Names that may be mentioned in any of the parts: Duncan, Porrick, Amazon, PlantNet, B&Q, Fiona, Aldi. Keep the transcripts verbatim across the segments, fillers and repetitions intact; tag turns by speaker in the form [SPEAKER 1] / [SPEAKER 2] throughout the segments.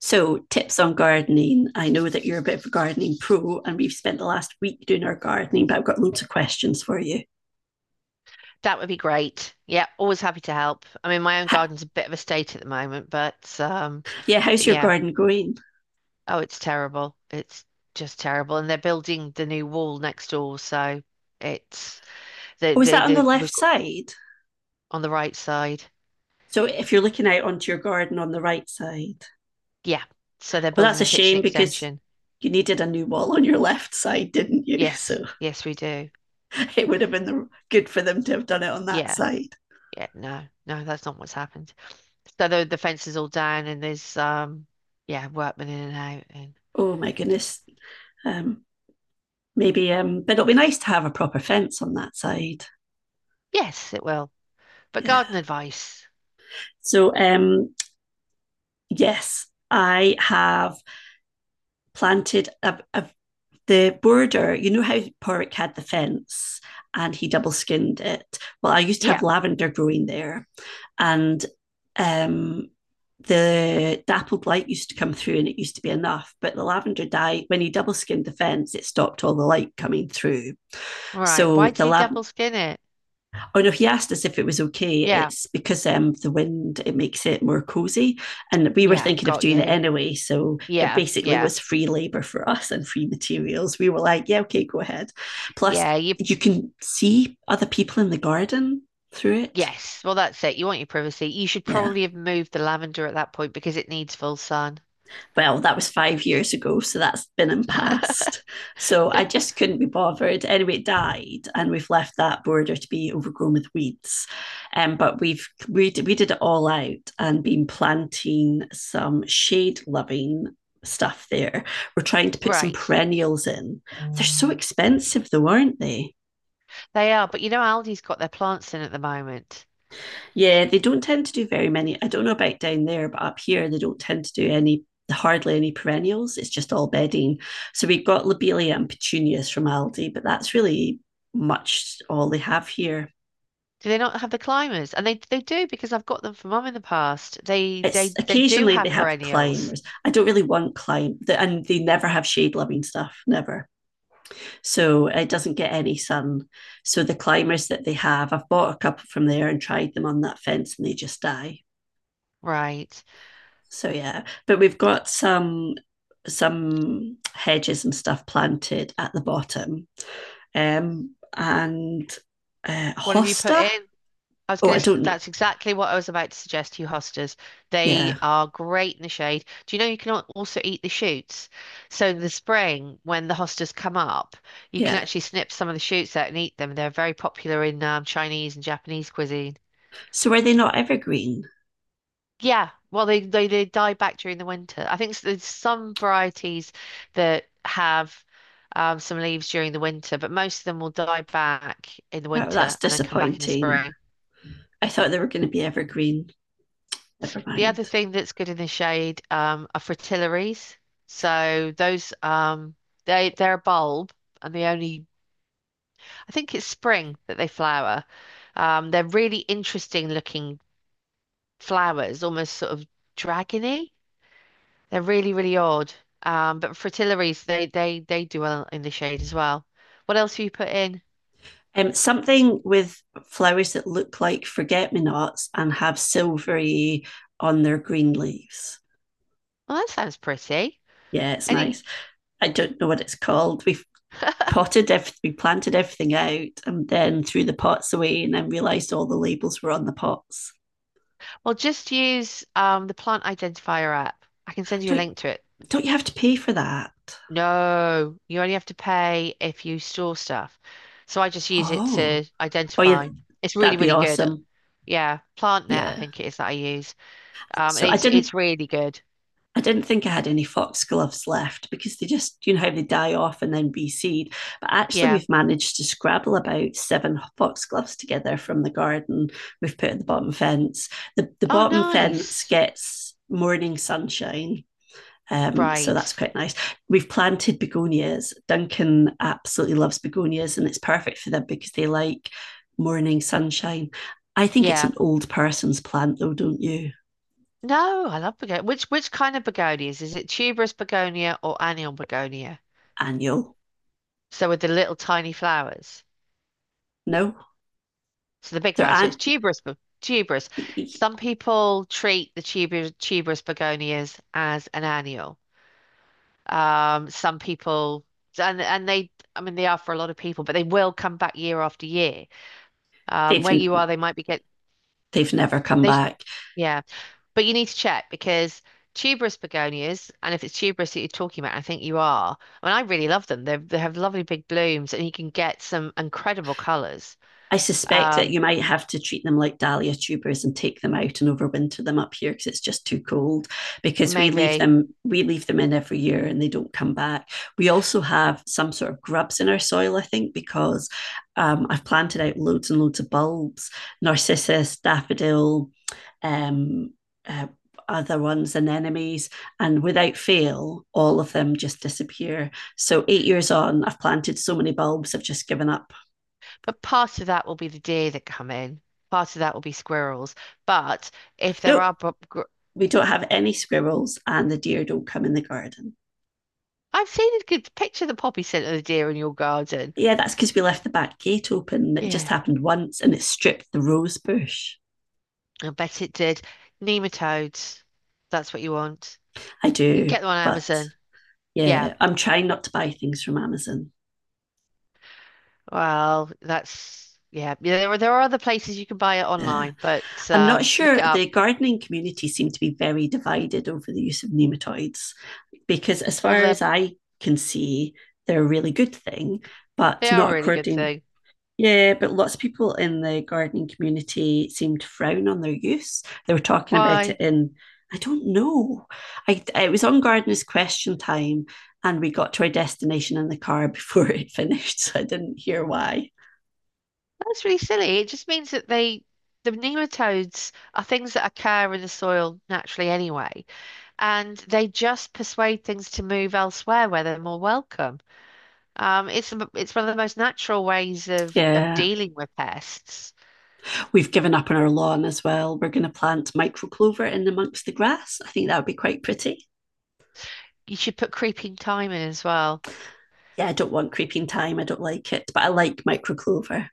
[SPEAKER 1] So, tips on gardening. I know that you're a bit of a gardening pro, and we've spent the last week doing our gardening, but I've got loads of questions for you.
[SPEAKER 2] That would be great. Yeah, always happy to help. I mean, my own
[SPEAKER 1] Ha-
[SPEAKER 2] garden's a bit of a state at the moment, but um,
[SPEAKER 1] yeah,
[SPEAKER 2] but
[SPEAKER 1] how's your
[SPEAKER 2] yeah.
[SPEAKER 1] garden going?
[SPEAKER 2] Oh, it's terrible. It's just terrible. And they're building the new wall next door, so it's they
[SPEAKER 1] Oh, is
[SPEAKER 2] they
[SPEAKER 1] that on
[SPEAKER 2] they
[SPEAKER 1] the
[SPEAKER 2] we've
[SPEAKER 1] left
[SPEAKER 2] got
[SPEAKER 1] side?
[SPEAKER 2] on the right side.
[SPEAKER 1] So, if you're looking out onto your garden on the right side,
[SPEAKER 2] Yeah. So they're
[SPEAKER 1] well,
[SPEAKER 2] building
[SPEAKER 1] that's a
[SPEAKER 2] the kitchen
[SPEAKER 1] shame because
[SPEAKER 2] extension.
[SPEAKER 1] you needed a new wall on your left side, didn't you?
[SPEAKER 2] Yes,
[SPEAKER 1] So,
[SPEAKER 2] yes, we do.
[SPEAKER 1] it would have been the- good for them to have done it on that
[SPEAKER 2] Yeah,
[SPEAKER 1] side.
[SPEAKER 2] yeah. No, no, that's not what's happened. So the the fence is all down, and there's um, yeah, workmen in and out, and
[SPEAKER 1] Oh, my goodness. Um, Maybe, um, but it'll be nice to have a proper fence on that side.
[SPEAKER 2] yes, it will. But
[SPEAKER 1] Yeah.
[SPEAKER 2] garden advice.
[SPEAKER 1] So, um, yes, I have planted a, a, the border. You know how Porrick had the fence and he double skinned it? Well, I used to have
[SPEAKER 2] Yeah.
[SPEAKER 1] lavender growing there. And um, the dappled light used to come through and it used to be enough, but the lavender died when he double skinned the fence, it stopped all the light coming through.
[SPEAKER 2] Right.
[SPEAKER 1] So
[SPEAKER 2] Why did
[SPEAKER 1] the
[SPEAKER 2] he
[SPEAKER 1] lav-
[SPEAKER 2] double skin it?
[SPEAKER 1] Oh no, he asked us if it was okay.
[SPEAKER 2] Yeah.
[SPEAKER 1] It's because um, the wind it makes it more cozy, and we were
[SPEAKER 2] Yeah.
[SPEAKER 1] thinking of
[SPEAKER 2] Got
[SPEAKER 1] doing it
[SPEAKER 2] you.
[SPEAKER 1] anyway. So it
[SPEAKER 2] Yeah.
[SPEAKER 1] basically
[SPEAKER 2] Yeah.
[SPEAKER 1] was free labor for us and free materials. We were like, yeah, okay, go ahead. Plus,
[SPEAKER 2] Yeah. You.
[SPEAKER 1] you can see other people in the garden through it.
[SPEAKER 2] Yes. Well, that's it. You want your privacy. You should
[SPEAKER 1] Yeah,
[SPEAKER 2] probably have moved the lavender at that point because it needs full sun.
[SPEAKER 1] well, that was five years ago, so that's been and past. So I just couldn't be bothered. Anyway, it died, and we've left that border to be overgrown with weeds. Um, but we've we did, we did it all out and been planting some shade loving stuff there. We're trying to put some
[SPEAKER 2] Right.
[SPEAKER 1] perennials in. Mm. They're so expensive, though, aren't they?
[SPEAKER 2] They are. But you know, Aldi's got their plants in at the moment.
[SPEAKER 1] Yeah, they don't tend to do very many. I don't know about down there, but up here they don't tend to do any hardly any perennials. It's just all bedding. So we've got lobelia and petunias from Aldi, but that's really much all they have here.
[SPEAKER 2] Do they not have the climbers? And they they do because I've got them for mum in the past. They
[SPEAKER 1] It's
[SPEAKER 2] they they do
[SPEAKER 1] occasionally they
[SPEAKER 2] have
[SPEAKER 1] have
[SPEAKER 2] perennials.
[SPEAKER 1] climbers. I don't really want climb, the- and they never have shade loving stuff, never. So it doesn't get any sun. So the climbers that they have, I've bought a couple from there and tried them on that fence, and they just die.
[SPEAKER 2] Right.
[SPEAKER 1] So yeah, but we've got some some hedges and stuff planted at the bottom. Um, and uh,
[SPEAKER 2] What have you put
[SPEAKER 1] hosta.
[SPEAKER 2] in? I was
[SPEAKER 1] Oh,
[SPEAKER 2] going
[SPEAKER 1] I
[SPEAKER 2] to,
[SPEAKER 1] don't.
[SPEAKER 2] that's exactly what I was about to suggest to you, hostas. They
[SPEAKER 1] Yeah,
[SPEAKER 2] are great in the shade. Do you know you can al- also eat the shoots? So in the spring, when the hostas come up, you can
[SPEAKER 1] yeah.
[SPEAKER 2] actually snip some of the shoots out and eat them. They're very popular in um, Chinese and Japanese cuisine.
[SPEAKER 1] So were they not evergreen?
[SPEAKER 2] Yeah, well, they, they they die back during the winter. I think s- there's some varieties that have um, some leaves during the winter, but most of them will die back in the
[SPEAKER 1] Oh, that's
[SPEAKER 2] winter and then come back in the
[SPEAKER 1] disappointing.
[SPEAKER 2] spring.
[SPEAKER 1] I thought they were going to be evergreen. Never
[SPEAKER 2] The other
[SPEAKER 1] mind.
[SPEAKER 2] thing that's good in the shade um, are fritillaries. So those um, they they're a bulb, and they only I think it's spring that they flower. Um, they're really interesting looking flowers, almost sort of dragony. They're really really odd. Um, but fritillaries they they they do well in the shade as well. What else have you put in?
[SPEAKER 1] Um, something with flowers that look like forget me nots and have silvery on their green leaves.
[SPEAKER 2] Well, that sounds pretty.
[SPEAKER 1] Yeah, it's
[SPEAKER 2] Any
[SPEAKER 1] nice. I don't know what it's called. We've potted everything, we planted everything out, and then threw the pots away, and then realised all the labels were on the pots.
[SPEAKER 2] well, just use um, the plant identifier app. I can send you a
[SPEAKER 1] Don't
[SPEAKER 2] link to it.
[SPEAKER 1] don't you have to pay for that?
[SPEAKER 2] No, you only have to pay if you store stuff. So I just use it
[SPEAKER 1] Oh,
[SPEAKER 2] to
[SPEAKER 1] oh yeah,
[SPEAKER 2] identify. It's really,
[SPEAKER 1] that'd be
[SPEAKER 2] really good.
[SPEAKER 1] awesome.
[SPEAKER 2] Yeah, PlantNet, I
[SPEAKER 1] Yeah.
[SPEAKER 2] think it is that I use. Um,
[SPEAKER 1] So
[SPEAKER 2] and
[SPEAKER 1] I
[SPEAKER 2] it's
[SPEAKER 1] didn't
[SPEAKER 2] it's really good.
[SPEAKER 1] I didn't think I had any foxgloves left because they just, you know, how they die off and then reseed. But actually,
[SPEAKER 2] Yeah.
[SPEAKER 1] we've managed to scrabble about seven foxgloves together from the garden we've put at the bottom fence. The, the
[SPEAKER 2] Oh,
[SPEAKER 1] bottom fence
[SPEAKER 2] nice.
[SPEAKER 1] gets morning sunshine. Um, so
[SPEAKER 2] Right.
[SPEAKER 1] that's quite nice. We've planted begonias. Duncan absolutely loves begonias, and it's perfect for them because they like morning sunshine. I think it's an
[SPEAKER 2] Yeah.
[SPEAKER 1] old person's plant, though, don't you?
[SPEAKER 2] No, I love begonia. Which which kind of begonias? Is it tuberous begonia or annual begonia?
[SPEAKER 1] Annual?
[SPEAKER 2] So with the little tiny flowers.
[SPEAKER 1] No,
[SPEAKER 2] So the big
[SPEAKER 1] there
[SPEAKER 2] flowers. So it's
[SPEAKER 1] aren't.
[SPEAKER 2] tuberous, be- tuberous. Some people treat the tuber, tuberous begonias as an annual. Um, some people and and they I mean they are for a lot of people, but they will come back year after year. Um,
[SPEAKER 1] They've
[SPEAKER 2] where you are, they might be get
[SPEAKER 1] they've never come
[SPEAKER 2] they sh-
[SPEAKER 1] back.
[SPEAKER 2] yeah, but you need to check because tuberous begonias, and if it's tuberous that you're talking about, I think you are. I mean, I really love them. They they have lovely big blooms, and you can get some incredible colours.
[SPEAKER 1] I suspect that
[SPEAKER 2] Um,
[SPEAKER 1] you might have to treat them like dahlia tubers and take them out and overwinter them up here because it's just too cold. Because we leave
[SPEAKER 2] Maybe,
[SPEAKER 1] them, we leave them in every year and they don't come back. We also have some sort of grubs in our soil, I think, because um, I've planted out loads and loads of bulbs, narcissus, daffodil, um, uh, other ones, anemones. And without fail, all of them just disappear. So, eight years on, I've planted so many bulbs, I've just given up.
[SPEAKER 2] but part of that will be the deer that come in. Part of that will be squirrels. But if there are,
[SPEAKER 1] Nope,
[SPEAKER 2] bo- gr-
[SPEAKER 1] We don't have any squirrels, and the deer don't come in the garden.
[SPEAKER 2] I've seen a good picture of the poppy scent of the deer in your garden.
[SPEAKER 1] Yeah, that's because we left the back gate open. It just
[SPEAKER 2] Yeah,
[SPEAKER 1] happened once and it stripped the rose bush.
[SPEAKER 2] I bet it did. Nematodes. That's what you want.
[SPEAKER 1] I
[SPEAKER 2] You can
[SPEAKER 1] do,
[SPEAKER 2] get them on
[SPEAKER 1] but
[SPEAKER 2] Amazon. Yeah.
[SPEAKER 1] yeah, I'm trying not to buy things from Amazon.
[SPEAKER 2] Well, that's yeah. Yeah, There are there are other places you can buy it
[SPEAKER 1] Yeah.
[SPEAKER 2] online, but
[SPEAKER 1] I'm not
[SPEAKER 2] um, look
[SPEAKER 1] sure.
[SPEAKER 2] it up.
[SPEAKER 1] The gardening community seem to be very divided over the use of nematoids because, as
[SPEAKER 2] Well,
[SPEAKER 1] far
[SPEAKER 2] they
[SPEAKER 1] as I can see, they're a really good thing,
[SPEAKER 2] they
[SPEAKER 1] but
[SPEAKER 2] are
[SPEAKER 1] not
[SPEAKER 2] a really good
[SPEAKER 1] according.
[SPEAKER 2] thing.
[SPEAKER 1] Yeah, but lots of people in the gardening community seem to frown on their use. They were talking about it
[SPEAKER 2] Why?
[SPEAKER 1] in, I don't know. I It was on gardeners' question time, and we got to our destination in the car before it finished, so I didn't hear why.
[SPEAKER 2] That's really silly. It just means that they the nematodes are things that occur in the soil naturally anyway, and they just persuade things to move elsewhere where they're more welcome. Um, it's the- it's one of the most natural ways of of
[SPEAKER 1] Yeah,
[SPEAKER 2] dealing with pests.
[SPEAKER 1] we've given up on our lawn as well. We're going to plant micro clover in amongst the grass. I think that would be quite pretty.
[SPEAKER 2] You should put creeping thyme in as well.
[SPEAKER 1] yeah, I don't want creeping thyme. I don't like it, but I like micro clover.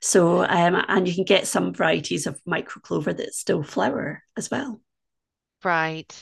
[SPEAKER 1] So, um, and you can get some varieties of micro clover that still flower as well.
[SPEAKER 2] Right.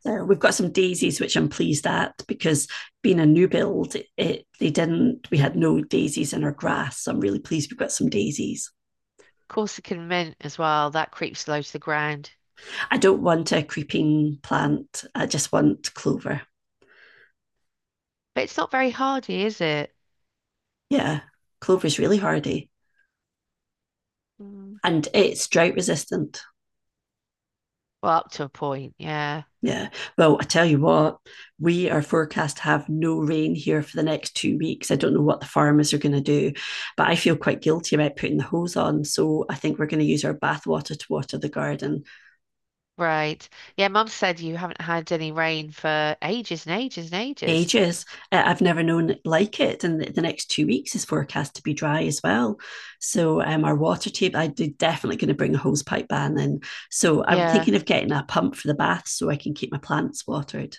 [SPEAKER 1] So we've got some daisies, which I'm pleased at because being a new build, it, it they didn't, we had no daisies in our grass. So I'm really pleased we've got some daisies.
[SPEAKER 2] Corsican mint as well. That creeps low to the ground.
[SPEAKER 1] I don't want a creeping plant. I just want clover.
[SPEAKER 2] But it's not very hardy, is it?
[SPEAKER 1] Yeah, clover is really hardy
[SPEAKER 2] Mm.
[SPEAKER 1] and it's drought resistant.
[SPEAKER 2] Well, up to a point. Yeah.
[SPEAKER 1] Yeah. Well, I tell you what, we are forecast to have no rain here for the next two weeks. I don't know what the farmers are going to do, but I feel quite guilty about putting the hose on. So I think we're going to use our bathwater to water the garden.
[SPEAKER 2] Right. Yeah, Mum said you haven't had any rain for ages and ages and ages.
[SPEAKER 1] Ages. Uh, I've never known it like it. And the, the next two weeks is forecast to be dry as well. So um, our water table, I'm definitely going to bring a hose pipe ban in. So I'm
[SPEAKER 2] Yeah.
[SPEAKER 1] thinking of getting a pump for the bath so I can keep my plants watered.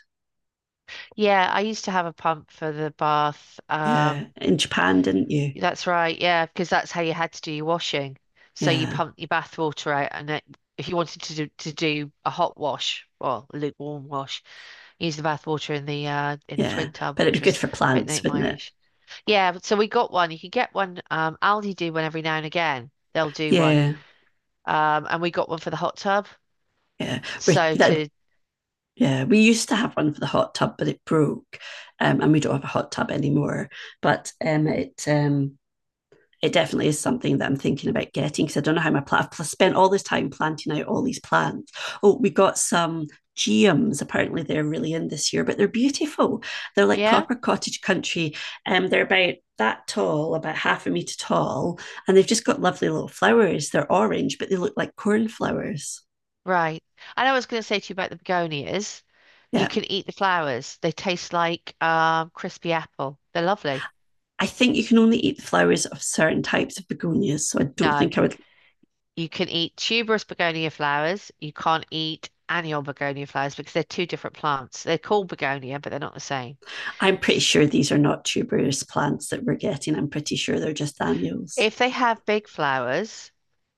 [SPEAKER 2] Yeah, I used to have a pump for the bath.
[SPEAKER 1] Yeah.
[SPEAKER 2] Um,
[SPEAKER 1] In Japan, didn't you?
[SPEAKER 2] that's right. Yeah, because that's how you had to do your washing. So you
[SPEAKER 1] Yeah.
[SPEAKER 2] pumped your bath water out, and it, if you wanted to do, to do a hot wash, well, lukewarm wash, used the bath water in the uh in the
[SPEAKER 1] Yeah,
[SPEAKER 2] twin tub,
[SPEAKER 1] but it'd be
[SPEAKER 2] which
[SPEAKER 1] good
[SPEAKER 2] was
[SPEAKER 1] for
[SPEAKER 2] about
[SPEAKER 1] plants,
[SPEAKER 2] Nate
[SPEAKER 1] wouldn't it?
[SPEAKER 2] Myrish. Yeah, so we got one. You can get one. Um, Aldi do one every now and again. They'll do one.
[SPEAKER 1] Yeah,
[SPEAKER 2] Um, and we got one for the hot tub.
[SPEAKER 1] yeah. We,
[SPEAKER 2] So
[SPEAKER 1] that,
[SPEAKER 2] to
[SPEAKER 1] yeah, we used to have one for the hot tub, but it broke, um, and we don't have a hot tub anymore. But um, it um, it definitely is something that I'm thinking about getting because I don't know how my plant. I've spent all this time planting out all these plants. Oh, we got some geums. Apparently, they're really in this year, but they're beautiful. They're like
[SPEAKER 2] Yeah,
[SPEAKER 1] proper cottage country. Um, they're about that tall, about half a meter tall, and they've just got lovely little flowers. They're orange, but they look like cornflowers.
[SPEAKER 2] right. And I was going to say to you about the begonias. You
[SPEAKER 1] Yeah.
[SPEAKER 2] can eat the flowers. They taste like um crispy apple. They're lovely.
[SPEAKER 1] I think you can only eat the flowers of certain types of begonias. So I don't
[SPEAKER 2] No,
[SPEAKER 1] think I would.
[SPEAKER 2] you can eat tuberous begonia flowers. You can't eat annual begonia flowers because they're two different plants. They're called begonia, but they're not the same.
[SPEAKER 1] I'm pretty sure these are not tuberous plants that we're getting. I'm pretty sure they're just annuals.
[SPEAKER 2] If they have big flowers,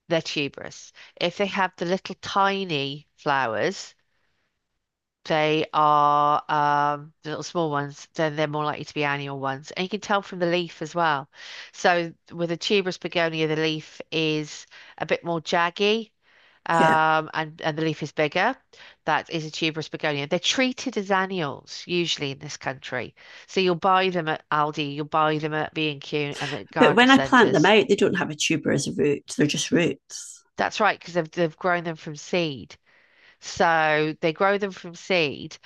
[SPEAKER 2] they're tuberous. If they have the little tiny flowers, they are um, the little small ones, then they're more likely to be annual ones. And you can tell from the leaf as well. So with a tuberous begonia, the leaf is a bit more jaggy,
[SPEAKER 1] Yeah.
[SPEAKER 2] um, and, and the leaf is bigger. That is a tuberous begonia. They're treated as annuals usually in this country. So you'll buy them at Aldi, you'll buy them at B and Q and Q and at
[SPEAKER 1] But
[SPEAKER 2] garden
[SPEAKER 1] when I plant them
[SPEAKER 2] centres.
[SPEAKER 1] out, they don't have a tuber as a root. They're just roots.
[SPEAKER 2] That's right, because they've, they've grown them from seed. So they grow them from seed,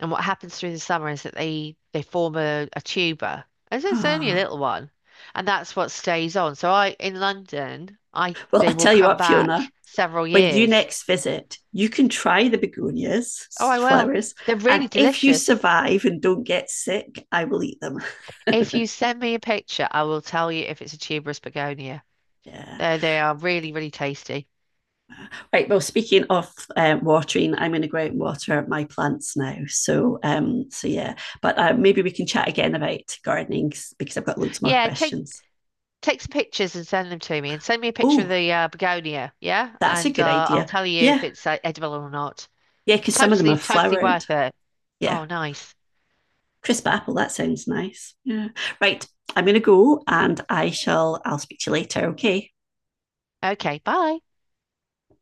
[SPEAKER 2] and what happens through the summer is that they they form a, a tuber, and so it's only a
[SPEAKER 1] Ah.
[SPEAKER 2] little one, and that's what stays on. So I in London, I
[SPEAKER 1] Well, I
[SPEAKER 2] they will
[SPEAKER 1] tell you
[SPEAKER 2] come
[SPEAKER 1] what, Fiona,
[SPEAKER 2] back several
[SPEAKER 1] when you
[SPEAKER 2] years.
[SPEAKER 1] next visit, you can try the
[SPEAKER 2] Oh, I
[SPEAKER 1] begonias,
[SPEAKER 2] will.
[SPEAKER 1] flowers,
[SPEAKER 2] They're
[SPEAKER 1] and
[SPEAKER 2] really
[SPEAKER 1] if you
[SPEAKER 2] delicious.
[SPEAKER 1] survive and don't get sick, I will eat them.
[SPEAKER 2] If you send me a picture, I will tell you if it's a tuberous begonia.
[SPEAKER 1] Yeah.
[SPEAKER 2] They they are really really tasty.
[SPEAKER 1] Right. Well, speaking of um, watering, I'm going to go out and water my plants now. So, um, so yeah. But uh, maybe we can chat again about gardening because I've got loads more
[SPEAKER 2] Yeah, take
[SPEAKER 1] questions.
[SPEAKER 2] Take some pictures and send them to me, and send me a picture of
[SPEAKER 1] Oh,
[SPEAKER 2] the uh, begonia, yeah?
[SPEAKER 1] that's a
[SPEAKER 2] And
[SPEAKER 1] good
[SPEAKER 2] uh, I'll
[SPEAKER 1] idea.
[SPEAKER 2] tell you if
[SPEAKER 1] Yeah,
[SPEAKER 2] it's uh, edible or not.
[SPEAKER 1] yeah, because some of them are
[SPEAKER 2] Totally, totally
[SPEAKER 1] flowered.
[SPEAKER 2] worth it.
[SPEAKER 1] Yeah.
[SPEAKER 2] Oh, nice.
[SPEAKER 1] Crisp apple, that sounds nice. Yeah. Right. I'm gonna go and I shall I'll speak to you later, okay?
[SPEAKER 2] Okay, bye.